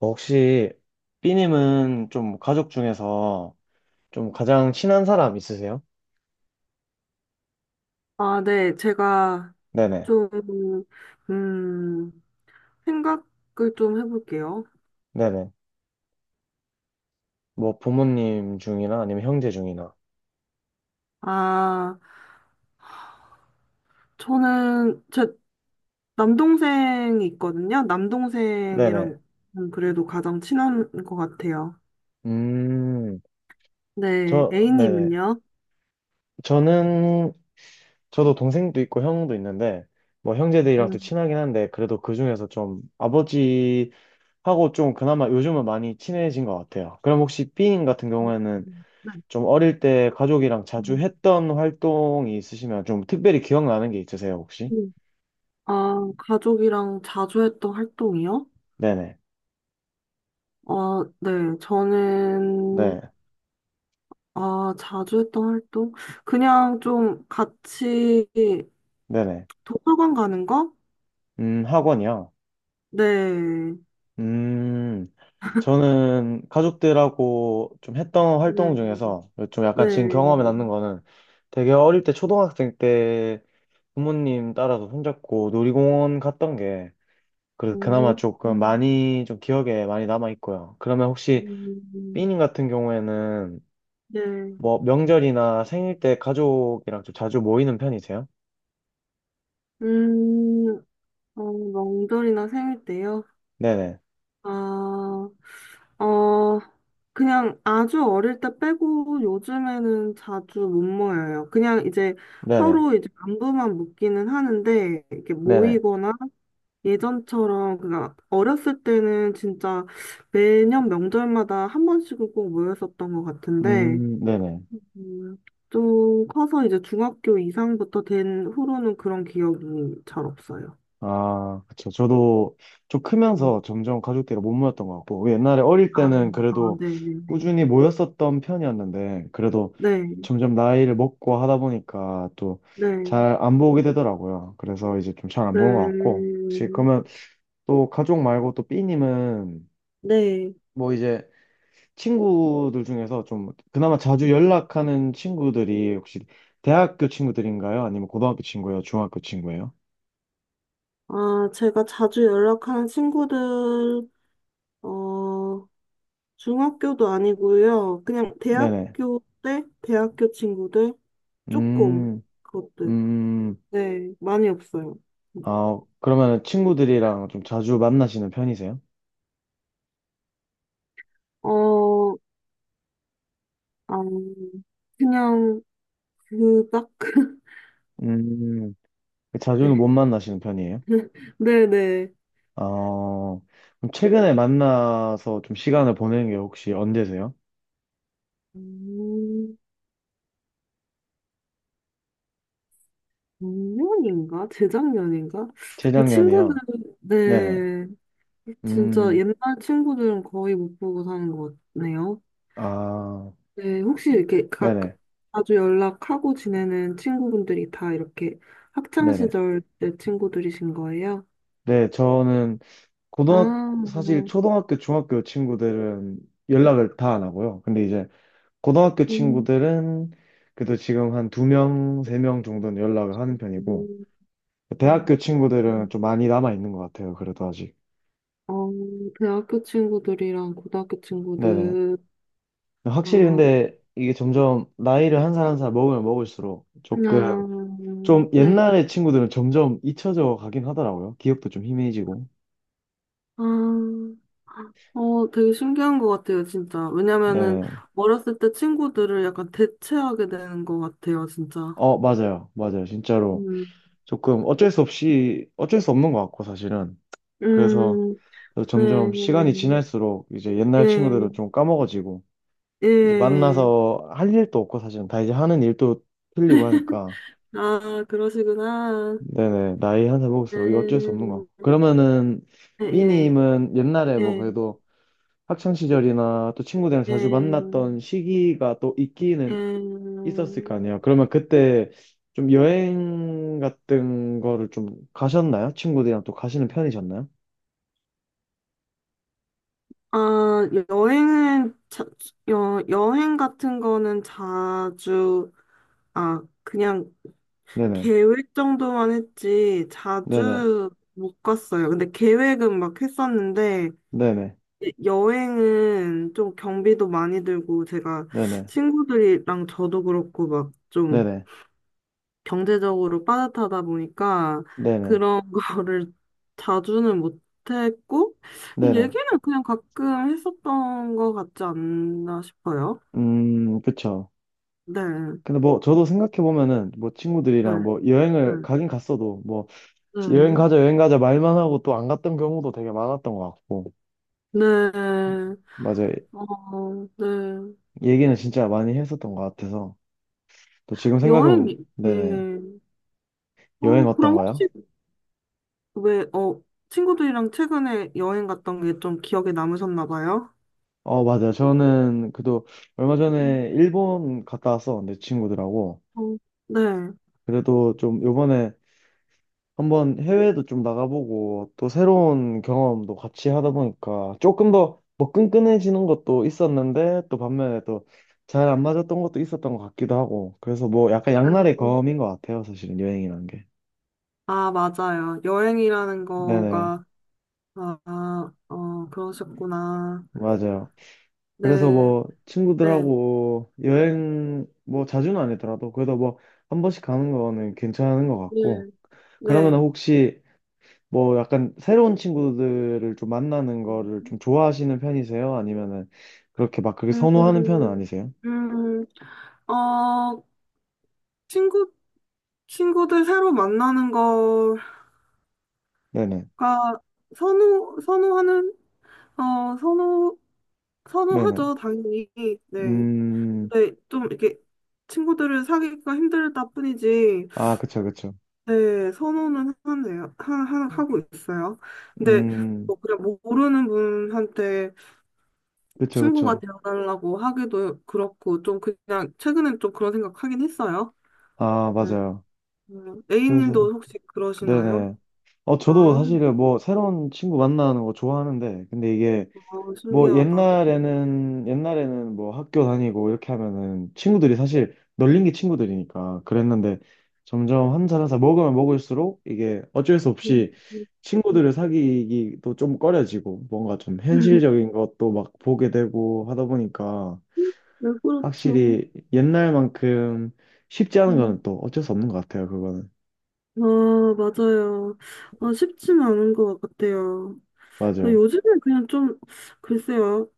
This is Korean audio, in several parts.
혹시 B님은 좀 가족 중에서 좀 가장 친한 사람 있으세요? 아, 네. 제가 네네. 좀, 음, 생각을 좀 해볼게요. 네네. 뭐 부모님 중이나 아니면 형제 중이나. 아, 저는 제 남동생이 있거든요. 네네. 남동생이랑 그래도 가장 친한 것 같아요. 음, 네. 저, 네네. A님은요? 저는, 저도 동생도 있고 형도 있는데, 뭐 형제들이랑도 음, 친하긴 한데, 그래도 그 중에서 좀 아버지하고 좀 그나마 요즘은 많이 친해진 것 같아요. 그럼 혹시 B님 같은 어, 경우에는 네. 좀 어릴 때 가족이랑 자주 음. 했던 활동이 있으시면 좀 특별히 기억나는 게 있으세요, 혹시? 음. 아, 가족이랑 자주 했던 활동이요? 네네. 네. 네. 저는, 아, 자주 했던 활동? 그냥 좀 같이 네네. 도서관 가는 거? 학원이요. 네. 음, 저는 가족들하고 좀 했던 활동 네. 중에서 좀 약간 지금 경험에 네. 남는 거는 되게 어릴 때 초등학생 때 부모님 따라서 손잡고 놀이공원 갔던 게 그래도 그나마 음, 조금 음, 많이 좀 기억에 많이 남아 있고요. 그러면 혹시 음, 삐님 같은 경우에는 네. 뭐 명절이나 생일 때 가족이랑 좀 자주 모이는 편이세요? 음, 명절이나 생일 때요? 네네. 아, 어, 그냥 아주 어릴 때 빼고 요즘에는 자주 못 모여요. 그냥 이제 네네. 서로 이제 안부만 묻기는 하는데, 이렇게 네네. 모이거나 예전처럼 그니까 어렸을 때는 진짜 매년 명절마다 한 번씩은 꼭 모였었던 것 같은데 네네. 음, 좀 커서 이제 중학교 이상부터 된 후로는 그런 기억이 잘 없어요. 아, 그쵸. 저도 좀 음, 크면서 점점 가족끼리 못 모였던 것 같고, 옛날에 어릴 아, 때는 아, 그래도 네네네. 꾸준히 모였었던 편이었는데, 그래도 네, 점점 나이를 먹고 하다 보니까 또 네, 잘 안 보게 되더라고요. 그래서 이제 좀 잘 안 보는 것 네, 같고, 혹시 그러면 또 가족 말고 또 B님은 네. 뭐 이제 친구들 중에서 좀 그나마 자주 연락하는 친구들이 혹시 대학교 친구들인가요? 아니면 고등학교 친구예요? 중학교 친구예요? 아, 제가 자주 연락하는 친구들, 어, 중학교도 아니고요. 그냥 네네. 대학교 때 대학교 친구들 조금 음, 그것들. 음, 네, 많이 없어요. 아, 그러면 친구들이랑 좀 자주 만나시는 편이세요? 어, 아, 그냥 그닥 음, 자주는 못 만나시는 편이에요? 네, 네, 네. 어, 그럼 최근에 만나서 좀 시간을 보내는 게 혹시 언제세요? 음, 작년인가? 재작년인가? 그 친구들, 재작년이요? 네네. 네. 진짜 음, 옛날 친구들은 거의 못 보고 사는 것 같네요. 아, 네, 혹시 이렇게 각 네네. 자주 연락하고 지내는 친구분들이 다 이렇게 학창 네네. 시절 때 친구들이신 거예요? 네, 저는 아, 고등학 사실 초등학교, 중학교 친구들은 연락을 다 안 하고요. 근데 이제 고등학교 음, 친구들은 그래도 지금 한 2명, 3명 정도는 연락을 하는 편이고 음, 대학교 친구들은 음. 좀 많이 남아 있는 것 같아요. 그래도 아직. 어, 대학교 친구들이랑 고등학교 네네. 친구들, 확실히 어, 근데 이게 점점 나이를 한 살 한 살 먹으면 먹을수록 조금 그냥, 좀 네, 옛날의 친구들은 점점 잊혀져 가긴 하더라고요. 기억도 좀 희미해지고. 아, 되게 신기한 것 같아요, 진짜. 왜냐면은 네네. 어렸을 때 친구들을 약간 대체하게 되는 것 같아요, 진짜. 어, 맞아요. 맞아요. 진짜로. 음, 조금 어쩔 수 없이, 어쩔 수 없는 것 같고, 사실은. 그래서 음, 점점 시간이 네. 지날수록 이제 옛날 예, 친구들은 좀 까먹어지고 이제 예. 만나서 할 일도 없고 사실은 다 이제 하는 일도 틀리고 하니까 아, 그러시구나. 네네 나이 한 살 네. 먹을수록 이거 어쩔 수 없는 것 같고 그러면은 예, 삐님은 옛날에 예, 뭐 예, 그래도 학창 시절이나 또 친구들이랑 자주 예, 만났던 시기가 또 있기는 예. 있었을 거 아니에요 그러면 그때 좀 여행 같은 거를 좀 가셨나요? 친구들이랑 또 가시는 편이셨나요? 아, 여행 같은 거는 자주, 아, 그냥 네네 계획 정도만 했지, 네네 자주 못 갔어요. 근데 계획은 막 했었는데, 네네 예, 여행은 좀 경비도 많이 들고, 제가 네네 친구들이랑 저도 그렇고, 막좀 네네 경제적으로 빠듯하다 보니까 네네. 그런 거를 자주는 못했고 네네. 얘기는 그냥 가끔 했었던 것 같지 않나 싶어요. 그쵸. 네, 근데 뭐, 저도 생각해보면은, 뭐, 네, 친구들이랑 뭐, 네, 여행을 가긴 갔어도, 뭐, 여행 네, 가자, 여행 가자 말만 하고 또 안 갔던 경우도 되게 많았던 것 같고, 네, 맞아요. 어, 네. 얘기는 진짜 많이 했었던 것 같아서, 또 지금 여행, 생각해보면, 네네. 네. 여행 그럼 어떤가요? 혹시 왜, 친구들이랑 최근에 여행 갔던 게 좀 기억에 남으셨나 봐요? 어, 맞아요. 저는 그래도 얼마 전에 일본 갔다 왔었는데, 친구들하고. 어, 네. 그래도 좀 요번에 한번 해외도 좀 나가보고 또 새로운 경험도 같이 하다 보니까 조금 더 뭐 끈끈해지는 것도 있었는데 또 반면에 또 잘 안 맞았던 것도 있었던 것 같기도 하고 그래서 뭐 약간 양날의 검인 것 같아요 사실은 여행이라는 게 아, 맞아요. 여행이라는 네네 거가 아, 아, 그러셨구나. 맞아요 그래서 네, 뭐 네, 친구들하고 여행 뭐 자주는 아니더라도 그래도 뭐 한 번씩 가는 거는 괜찮은 것 네, 같고 그러면 네. 혹시 뭐 약간 새로운 친구들을 좀 만나는 음. 거를 좀 좋아하시는 편이세요? 아니면은 그렇게 막 그렇게 음, 선호하는 편은 아니세요? 음, 어, 친구, 친구들 새로 만나는 거가 네네. 선호하는, 어, 선호, 네네. 선호하죠, 당연히. 네. 음, 근데 좀 이렇게 친구들을 사귀기가 힘들다 뿐이지, 아, 그쵸, 그쵸. 네, 선호는 하네요. 음. 하고 있어요. 근데 음, 뭐 그냥 모르는 분한테 그쵸, 친구가 그쵸. 되어달라고 하기도 그렇고, 좀 그냥, 최근엔 좀 그런 생각 하긴 했어요. 아, 네. 맞아요. 그래서, A님도 혹시 그러시나요? 네네. 어, 아, 저도 사실은 뭐 새로운 친구 만나는 거 좋아하는데, 근데 이게 너무 뭐 신기하다. 옛날에는 뭐 학교 다니고 이렇게 하면은 친구들이 사실 널린 게 친구들이니까 그랬는데 점점 한 살 한 살 먹으면 먹을수록 이게 어쩔 수 음, 없이 음, 친구들을 사귀기도 좀 꺼려지고 뭔가 좀 음. 현실적인 것도 막 보게 되고 하다 보니까 네, 그렇죠. 확실히 옛날만큼 쉽지 않은 음. 거는 또 어쩔 수 없는 것 같아요 그거는 아, 맞아요. 아, 쉽지는 않은 것 같아요. 근데 맞아요 요즘엔 그냥 좀, 글쎄요.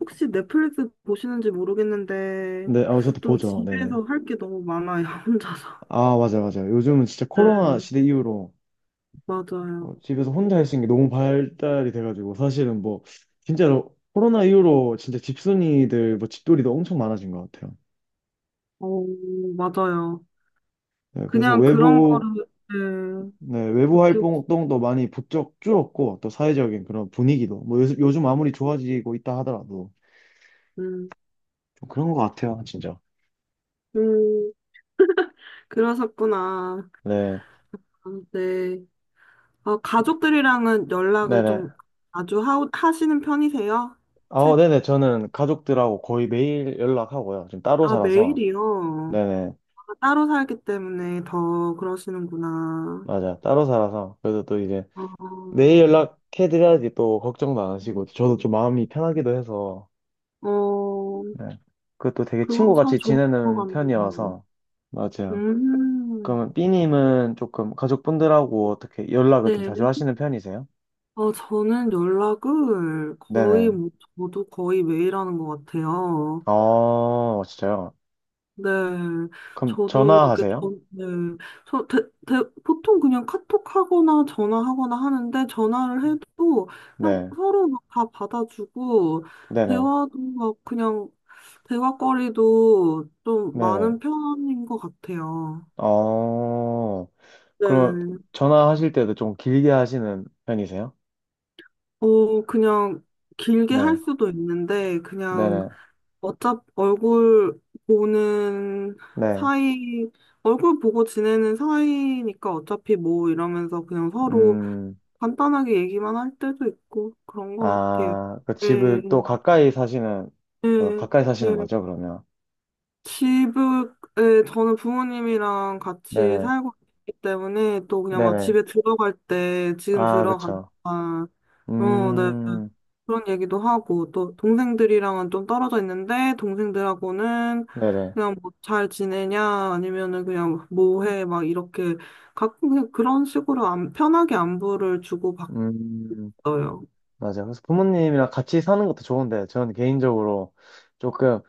혹시 넷플릭스 보시는지 모르겠는데, 근데 아 저도 좀 보죠 네네 집에서 할 게 너무 많아요, 혼자서. 아 맞아 요 맞아 요 요즘은 진짜 네, 코로나 시대 이후로 맞아요. 어, 집에서 혼자 할 수 있는 게 너무 발달이 돼가지고 사실은 뭐 진짜로 코로나 이후로 진짜 집순이들 뭐 집돌이도 엄청 많아진 것 같아요. 어, 맞아요. 네, 그래서 그냥 그런 외부 거를, 네, 네, 외부 느끼고, 활동도 많이 부쩍 줄었고 또 사회적인 그런 분위기도 뭐 요즘, 요즘 아무리 좋아지고 있다 하더라도 음, 좀 그런 것 같아요, 진짜. 음, 그러셨구나. 네, 아, 네. 아, 가족들이랑은 연락을 네네. 좀 자주 하시는 편이세요? 아, 책, 네네. 저는 가족들하고 거의 매일 연락하고요. 지금 따로 아, 살아서. 매일이요. 네네. 아, 따로 살기 때문에 더 그러시는구나. 맞아. 따로 살아서. 그래도 또 이제 내일 어, 연락해드려야지 또 걱정도 안 하시고 저도 좀 마음이 편하기도 해서 어, 네. 그것도 되게 그건 참 친구같이 좋을 것 지내는 같네요. 편이어서 맞아요. 그러면 음, B님은 조금 가족분들하고 어떻게 연락을 좀 자주 네. 하시는 편이세요? 저는 연락을 거의, 네네. 뭐, 저도 거의 매일 하는 것 같아요. 어, 진짜요? 네. 그럼 저도, 이렇게, 전화하세요? 네. 저, 대, 보통 그냥 카톡 하거나 전화하거나 하는데, 전화를 해도 그냥 네. 서로 막 다 받아주고, 네네. 대화도 막 그냥, 대화거리도 좀 네네. 많은 편인 것 같아요. 어, 그럼 네. 전화하실 때도 좀 길게 하시는 편이세요? 그냥 길게 네. 할 수도 있는데, 그냥 네네. 어차피 보는 네. 사이, 얼굴 보고 지내는 사이니까 어차피 뭐 이러면서 그냥 서로 음. 간단하게 얘기만 할 때도 있고 그런 것 같아요. 아, 그 예, 집을 또 가까이 사시는, 어, 예, 가까이 사시는 예. 거죠, 그러면? 집에, 저는 부모님이랑 같이 네네, 살고 있기 때문에 또 그냥 막 네네. 집에 들어갈 때 지금 아, 들어간다. 그쵸. 어, 네. 음, 그런 얘기도 하고, 또 동생들이랑은 좀 떨어져 있는데, 동생들하고는 네네. 그냥 뭐 잘 지내냐, 아니면은 그냥 뭐 해, 막 이렇게 가끔 그냥 그런 식으로 안, 편하게 안부를 주고받어요. 음, 맞아요. 그래서 부모님이랑 같이 사는 것도 좋은데, 저는 개인적으로 조금,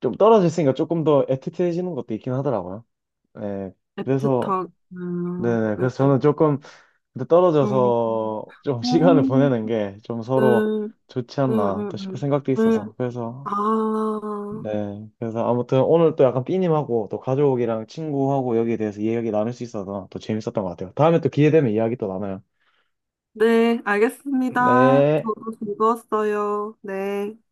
좀 떨어져 있으니까 조금 더 애틋해지는 것도 있긴 하더라고요. 네, 그래서, 애틋하게, 네네. 네. 그래서 저는 조금 근데 음, 떨어져서 좀 시간을 보내는 게 좀 서로 음, 좋지 네, 네, 않나 또 싶은 네, 생각도 네. 네. 있어서. 그래서 아, 네. 그래서 아무튼 오늘 또 약간 삐님하고 또 가족이랑 친구하고 여기에 대해서 이야기 나눌 수 있어서 또 재밌었던 것 같아요. 다음에 또 기회 되면 이야기 또 나눠요. 네, 알겠습니다. 네. 저도 즐거웠어요. 네.